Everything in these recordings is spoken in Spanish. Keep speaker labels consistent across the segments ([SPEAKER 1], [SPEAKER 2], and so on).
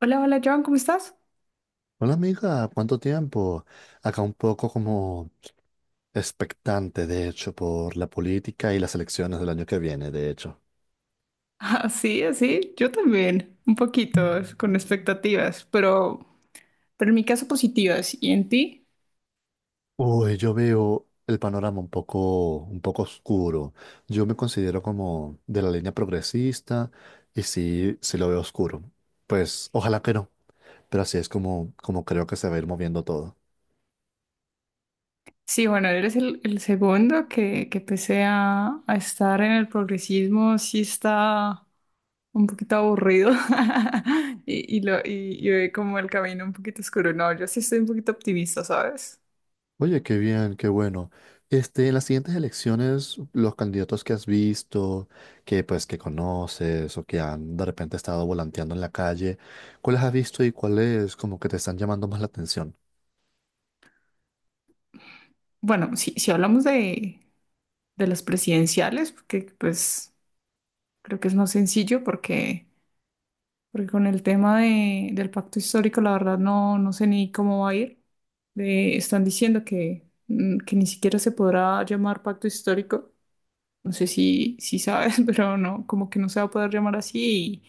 [SPEAKER 1] Hola, hola Joan, ¿cómo estás?
[SPEAKER 2] Hola amiga, ¿cuánto tiempo? Acá un poco como expectante, de hecho, por la política y las elecciones del año que viene, de hecho.
[SPEAKER 1] Así, así, yo también, un poquito, con expectativas, pero en mi caso positivas. ¿Y en ti?
[SPEAKER 2] Uy, yo veo el panorama un poco oscuro. Yo me considero como de la línea progresista y sí lo veo oscuro. Pues ojalá que no, pero así es como creo que se va a ir moviendo todo.
[SPEAKER 1] Sí, bueno, eres el segundo que pese a estar en el progresismo, sí está un poquito aburrido y ve como el camino un poquito oscuro. No, yo sí estoy un poquito optimista, ¿sabes?
[SPEAKER 2] Oye, qué bien, qué bueno. Este, en las siguientes elecciones, los candidatos que has visto, que pues que conoces o que han de repente estado volanteando en la calle, ¿cuáles has visto y cuáles como que te están llamando más la atención?
[SPEAKER 1] Bueno, si hablamos de las presidenciales, porque pues creo que es más sencillo porque... Porque con el tema del pacto histórico, la verdad no, no sé ni cómo va a ir. Están diciendo que, que ni siquiera se podrá llamar pacto histórico. No sé si sabes, pero no, como que no se va a poder llamar así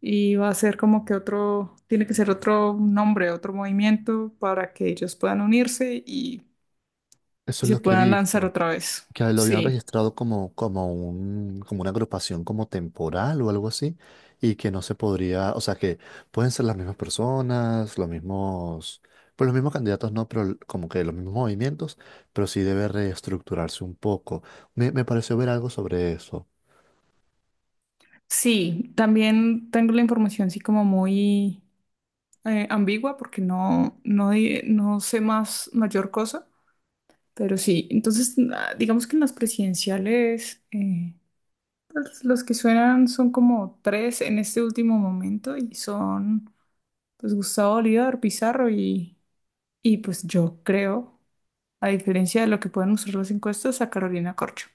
[SPEAKER 1] y va a ser como que otro, tiene que ser otro nombre, otro movimiento para que ellos puedan unirse
[SPEAKER 2] Eso
[SPEAKER 1] y
[SPEAKER 2] es
[SPEAKER 1] se
[SPEAKER 2] lo que he
[SPEAKER 1] puedan lanzar
[SPEAKER 2] visto,
[SPEAKER 1] otra vez.
[SPEAKER 2] que lo habían
[SPEAKER 1] Sí,
[SPEAKER 2] registrado como una agrupación como temporal o algo así, y que no se podría, o sea que pueden ser las mismas personas, los mismos, pues los mismos candidatos no, pero como que los mismos movimientos, pero sí debe reestructurarse un poco. Me pareció ver algo sobre eso.
[SPEAKER 1] sí, también tengo la información así como muy ambigua porque no sé más mayor cosa, pero sí, entonces digamos que en las presidenciales pues, los que suenan son como tres en este último momento y son pues Gustavo Bolívar, Pizarro y pues yo creo, a diferencia de lo que pueden mostrar las encuestas, a Carolina Corcho.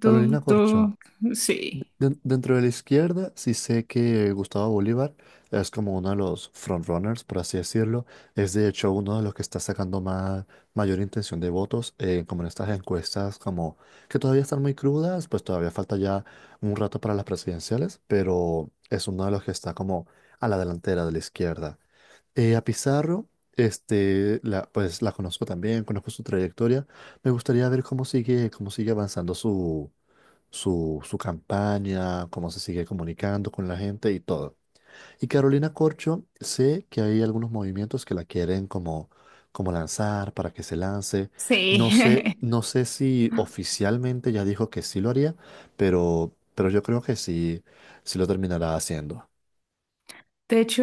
[SPEAKER 1] Tú,
[SPEAKER 2] Carolina Corcho.
[SPEAKER 1] tú, sí,
[SPEAKER 2] Dentro de la izquierda, sí sé que Gustavo Bolívar es como uno de los frontrunners, por así decirlo. Es de hecho uno de los que está sacando más, mayor intención de votos, como en estas encuestas, como que todavía están muy crudas, pues todavía falta ya un rato para las presidenciales, pero es uno de los que está como a la delantera de la izquierda. A Pizarro, este, la, pues la conozco también, conozco su trayectoria. Me gustaría ver cómo sigue avanzando su campaña, cómo se sigue comunicando con la gente y todo. Y Carolina Corcho, sé que hay algunos movimientos que la quieren como, como lanzar para que se lance. No sé,
[SPEAKER 1] sí.
[SPEAKER 2] no sé si oficialmente ya dijo que sí lo haría, pero yo creo que sí lo terminará haciendo.
[SPEAKER 1] De hecho,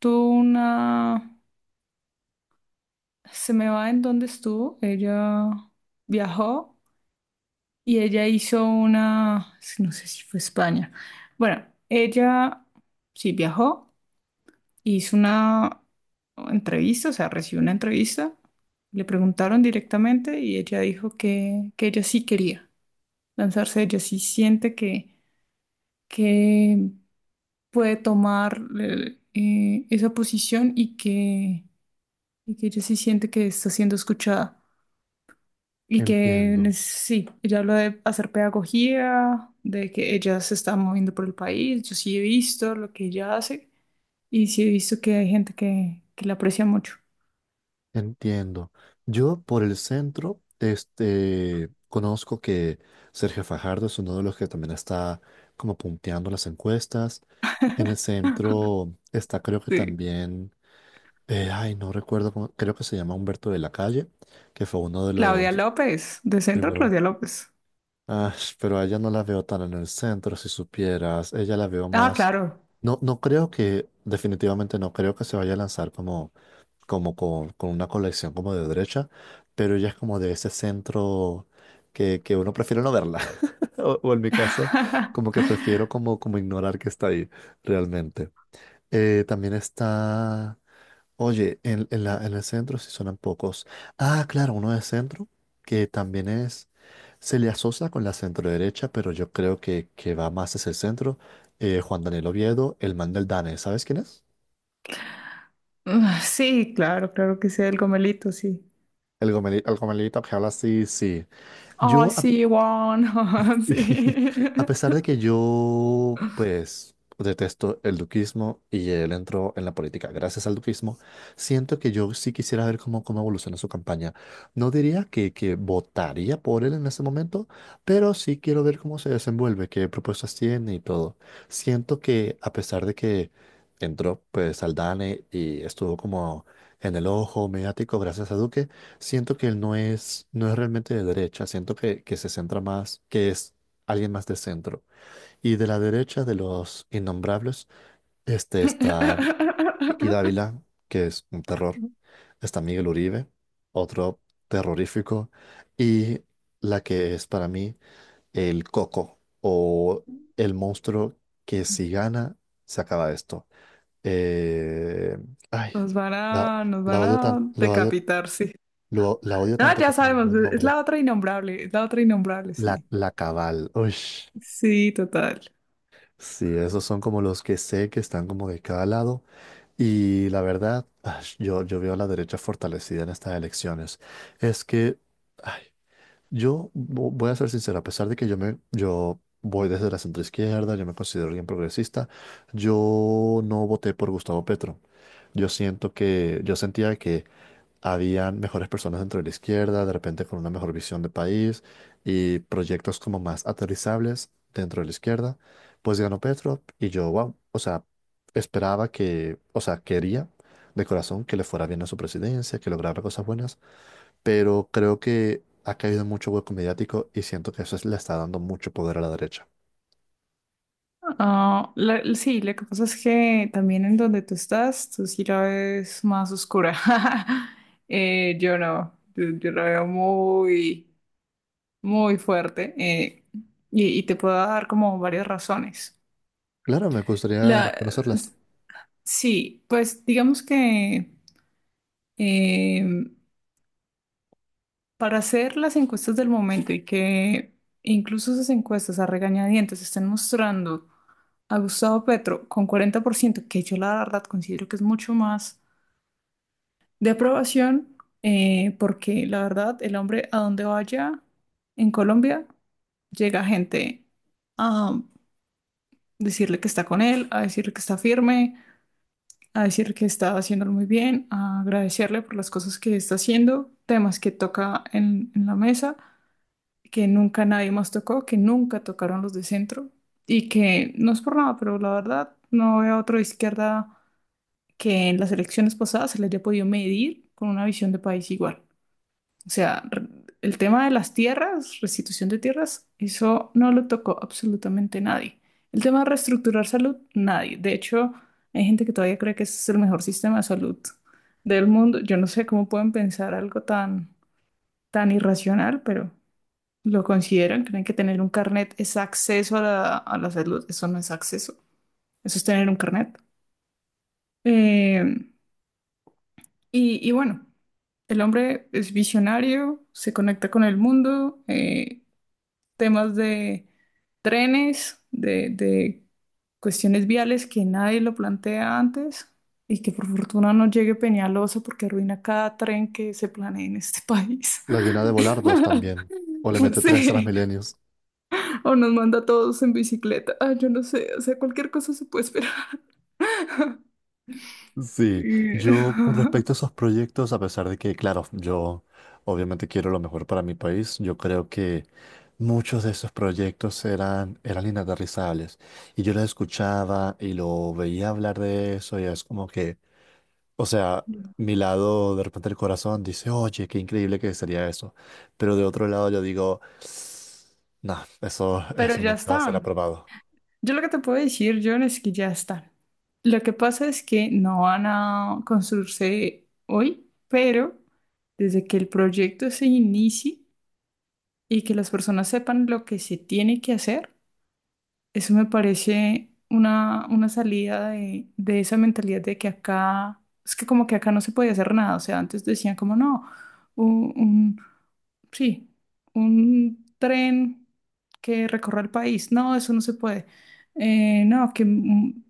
[SPEAKER 1] tuvo una... se me va en donde estuvo. Ella viajó y ella hizo una, es que no sé si fue España. Bueno, ella sí viajó, hizo una entrevista, o sea, recibió una entrevista. Le preguntaron directamente y ella dijo que ella sí quería lanzarse, ella sí siente que puede tomar esa posición y que ella sí siente que está siendo escuchada. Y que
[SPEAKER 2] Entiendo.
[SPEAKER 1] sí, ella habla de hacer pedagogía, de que ella se está moviendo por el país. Yo sí he visto lo que ella hace y sí he visto que hay gente que la aprecia mucho.
[SPEAKER 2] Entiendo. Yo por el centro, este, conozco que Sergio Fajardo es uno de los que también está como punteando las encuestas. En el centro está creo que
[SPEAKER 1] Sí.
[SPEAKER 2] también, no recuerdo cómo, creo que se llama Humberto de la Calle, que fue uno de
[SPEAKER 1] Claudia
[SPEAKER 2] los
[SPEAKER 1] López, de Centro
[SPEAKER 2] primeros.
[SPEAKER 1] Claudia López.
[SPEAKER 2] Ah, pero a ella no la veo tan en el centro, si supieras. Ella la veo
[SPEAKER 1] Ah,
[SPEAKER 2] más.
[SPEAKER 1] claro.
[SPEAKER 2] No, no creo que, definitivamente no creo que se vaya a lanzar como con una colección como de derecha, pero ella es como de ese centro que uno prefiere no verla, o en mi caso, como que prefiero como, como ignorar que está ahí realmente. También está, oye, en el centro sí suenan pocos. Ah, claro, uno de centro, que también es, se le asocia con la centro derecha, pero yo creo que va más hacia el centro. Juan Daniel Oviedo, el man del Dane, ¿sabes quién es?
[SPEAKER 1] Ah, sí, claro, claro que sea el Gomelito, sí.
[SPEAKER 2] El gomelito, el gomelito que habla así, sí.
[SPEAKER 1] Oh,
[SPEAKER 2] Yo, a
[SPEAKER 1] sí, Juan,
[SPEAKER 2] Y
[SPEAKER 1] sí.
[SPEAKER 2] A pesar de que yo, pues, detesto el duquismo y él entró en la política gracias al duquismo, siento que yo sí quisiera ver cómo, cómo evoluciona su campaña. No diría que votaría por él en ese momento, pero sí quiero ver cómo se desenvuelve, qué propuestas tiene y todo. Siento que a pesar de que entró, pues, Aldane y estuvo como en el ojo mediático gracias a Duque, siento que él no es, no es realmente de derecha, siento que se centra más, que es alguien más de centro. Y de la derecha de los innombrables, este está Vicky Dávila, que es un terror. Está Miguel Uribe, otro terrorífico. Y la que es para mí el coco o el monstruo que si gana, se acaba esto. Eh, ay, la,
[SPEAKER 1] Nos
[SPEAKER 2] la
[SPEAKER 1] van
[SPEAKER 2] odio
[SPEAKER 1] a
[SPEAKER 2] tan, lo odio,
[SPEAKER 1] decapitar, sí.
[SPEAKER 2] la odio
[SPEAKER 1] No,
[SPEAKER 2] tanto que
[SPEAKER 1] ya
[SPEAKER 2] se me olvidó
[SPEAKER 1] sabemos,
[SPEAKER 2] el
[SPEAKER 1] es
[SPEAKER 2] nombre.
[SPEAKER 1] la otra innombrable, es la otra innombrable,
[SPEAKER 2] La,
[SPEAKER 1] sí.
[SPEAKER 2] la Cabal. Uy.
[SPEAKER 1] Sí, total.
[SPEAKER 2] Sí, esos son como los que sé que están como de cada lado. Y la verdad, yo veo a la derecha fortalecida en estas elecciones. Es que, ay, voy a ser sincero, a pesar de que yo voy desde la centroizquierda, yo me considero alguien progresista, yo no voté por Gustavo Petro. Yo siento que, yo sentía que habían mejores personas dentro de la izquierda, de repente con una mejor visión de país y proyectos como más aterrizables dentro de la izquierda, pues ganó Petro y yo, wow, o sea, esperaba que, o sea, quería de corazón que le fuera bien a su presidencia, que lograra cosas buenas, pero creo que ha caído en mucho hueco mediático y siento que le está dando mucho poder a la derecha.
[SPEAKER 1] Ah, sí, lo que pasa es que también en donde tú estás, tú sí la ves más oscura. Yo no, yo la veo muy, muy fuerte y te puedo dar como varias razones.
[SPEAKER 2] Claro, me gustaría
[SPEAKER 1] La,
[SPEAKER 2] conocerlas.
[SPEAKER 1] sí, pues digamos que em, para hacer las encuestas del momento y que incluso esas encuestas a regañadientes estén mostrando a Gustavo Petro con 40%, que yo la verdad considero que es mucho más de aprobación, porque la verdad el hombre a donde vaya en Colombia llega gente a decirle que está con él, a decirle que está firme, a decir que está haciéndolo muy bien, a agradecerle por las cosas que está haciendo, temas que toca en la mesa. Que nunca nadie más tocó, que nunca tocaron los de centro y que no es por nada, pero la verdad no veo a otro de izquierda que en las elecciones pasadas se le haya podido medir con una visión de país igual. O sea, el tema de las tierras, restitución de tierras, eso no lo tocó absolutamente nadie. El tema de reestructurar salud, nadie. De hecho, hay gente que todavía cree que ese es el mejor sistema de salud del mundo. Yo no sé cómo pueden pensar algo tan, tan irracional, pero... ¿Lo consideran? ¿Creen que tener un carnet es acceso a a la salud? Eso no es acceso, eso es tener un carnet. Eh, y, y bueno, el hombre es visionario, se conecta con el mundo, temas de trenes, de cuestiones viales que nadie lo plantea antes y que por fortuna no llegue Peñalosa porque arruina cada tren que se planee en este país.
[SPEAKER 2] La llena de volardos también, o le mete tres
[SPEAKER 1] Sí.
[SPEAKER 2] milenios.
[SPEAKER 1] O nos manda a todos en bicicleta. Ah, yo no sé, o sea, cualquier cosa se puede esperar.
[SPEAKER 2] Sí,
[SPEAKER 1] Y-
[SPEAKER 2] yo con respecto a esos proyectos, a pesar de que, claro, yo obviamente quiero lo mejor para mi país, yo creo que muchos de esos proyectos eran inaterrizables. Y yo los escuchaba y lo veía hablar de eso y es como que, o sea, mi lado de repente el corazón dice, oye, qué increíble que sería eso. Pero de otro lado yo digo, no,
[SPEAKER 1] Pero
[SPEAKER 2] eso
[SPEAKER 1] ya
[SPEAKER 2] nunca será
[SPEAKER 1] están.
[SPEAKER 2] aprobado.
[SPEAKER 1] Yo lo que te puedo decir, John, es que ya están. Lo que pasa es que no van a construirse hoy, pero desde que el proyecto se inicie y que las personas sepan lo que se tiene que hacer, eso me parece una salida de esa mentalidad de que acá, es que como que acá no se podía hacer nada. O sea, antes decían como no, un, sí, un tren que recorra el país. No, eso no se puede. No, que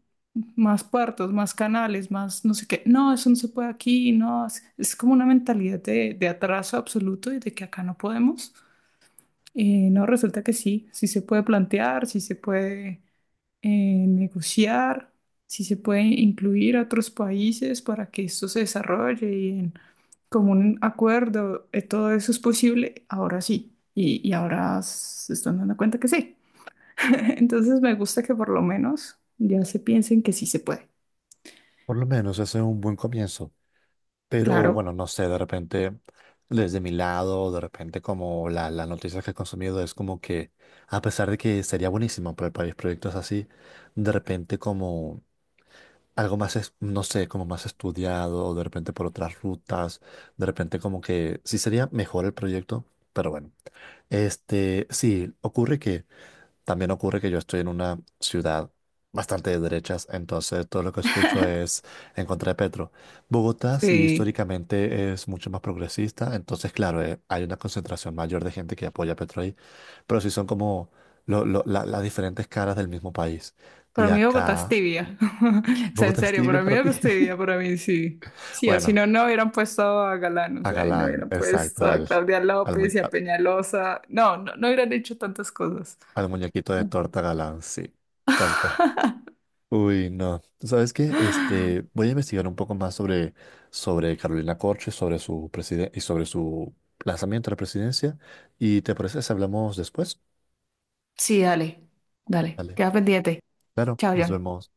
[SPEAKER 1] más puertos, más canales, más no sé qué. No, eso no se puede aquí. No, es como una mentalidad de atraso absoluto y de que acá no podemos. No, resulta que sí, sí se puede plantear, sí se puede negociar, sí se puede incluir a otros países para que esto se desarrolle como un acuerdo, todo eso es posible, ahora sí. Y ahora se están dando cuenta que sí. Entonces me gusta que por lo menos ya se piensen que sí se puede.
[SPEAKER 2] Por lo menos ese es un buen comienzo. Pero
[SPEAKER 1] Claro,
[SPEAKER 2] bueno, no sé, de repente, desde mi lado, de repente como la noticia que he consumido es como que, a pesar de que sería buenísimo para el país proyectos así, de repente como algo más, no sé, como más estudiado, o de repente por otras rutas, de repente como que sí sería mejor el proyecto, pero bueno. Este, sí, ocurre que también ocurre que yo estoy en una ciudad bastante de derechas, entonces todo lo que escucho es en contra de Petro. Bogotá sí
[SPEAKER 1] sí.
[SPEAKER 2] históricamente es mucho más progresista, entonces claro, hay una concentración mayor de gente que apoya a Petro ahí, pero sí son como las diferentes caras del mismo país. De
[SPEAKER 1] Para mí Bogotá es
[SPEAKER 2] acá,
[SPEAKER 1] tibia. O sea, en
[SPEAKER 2] Bogotá es
[SPEAKER 1] serio,
[SPEAKER 2] tibio
[SPEAKER 1] para mí
[SPEAKER 2] para ti.
[SPEAKER 1] Bogotá es tibia, para mí sí. Sí, o si
[SPEAKER 2] Bueno,
[SPEAKER 1] no, no hubieran puesto a Galán, o
[SPEAKER 2] a
[SPEAKER 1] sea, y no
[SPEAKER 2] Galán,
[SPEAKER 1] hubieran
[SPEAKER 2] exacto,
[SPEAKER 1] puesto a Claudia
[SPEAKER 2] al,
[SPEAKER 1] López
[SPEAKER 2] mu-
[SPEAKER 1] y a Peñalosa. No, no, no hubieran hecho tantas cosas.
[SPEAKER 2] al muñequito de torta Galán, sí, tal cual. Uy, no. ¿Sabes qué? Este, voy a investigar un poco más sobre, sobre Carolina Corche, sobre y sobre su lanzamiento a la presidencia. ¿Y te parece si hablamos después?
[SPEAKER 1] Sí, dale, dale,
[SPEAKER 2] Vale,
[SPEAKER 1] queda pendiente.
[SPEAKER 2] claro,
[SPEAKER 1] Chao,
[SPEAKER 2] nos
[SPEAKER 1] John.
[SPEAKER 2] vemos.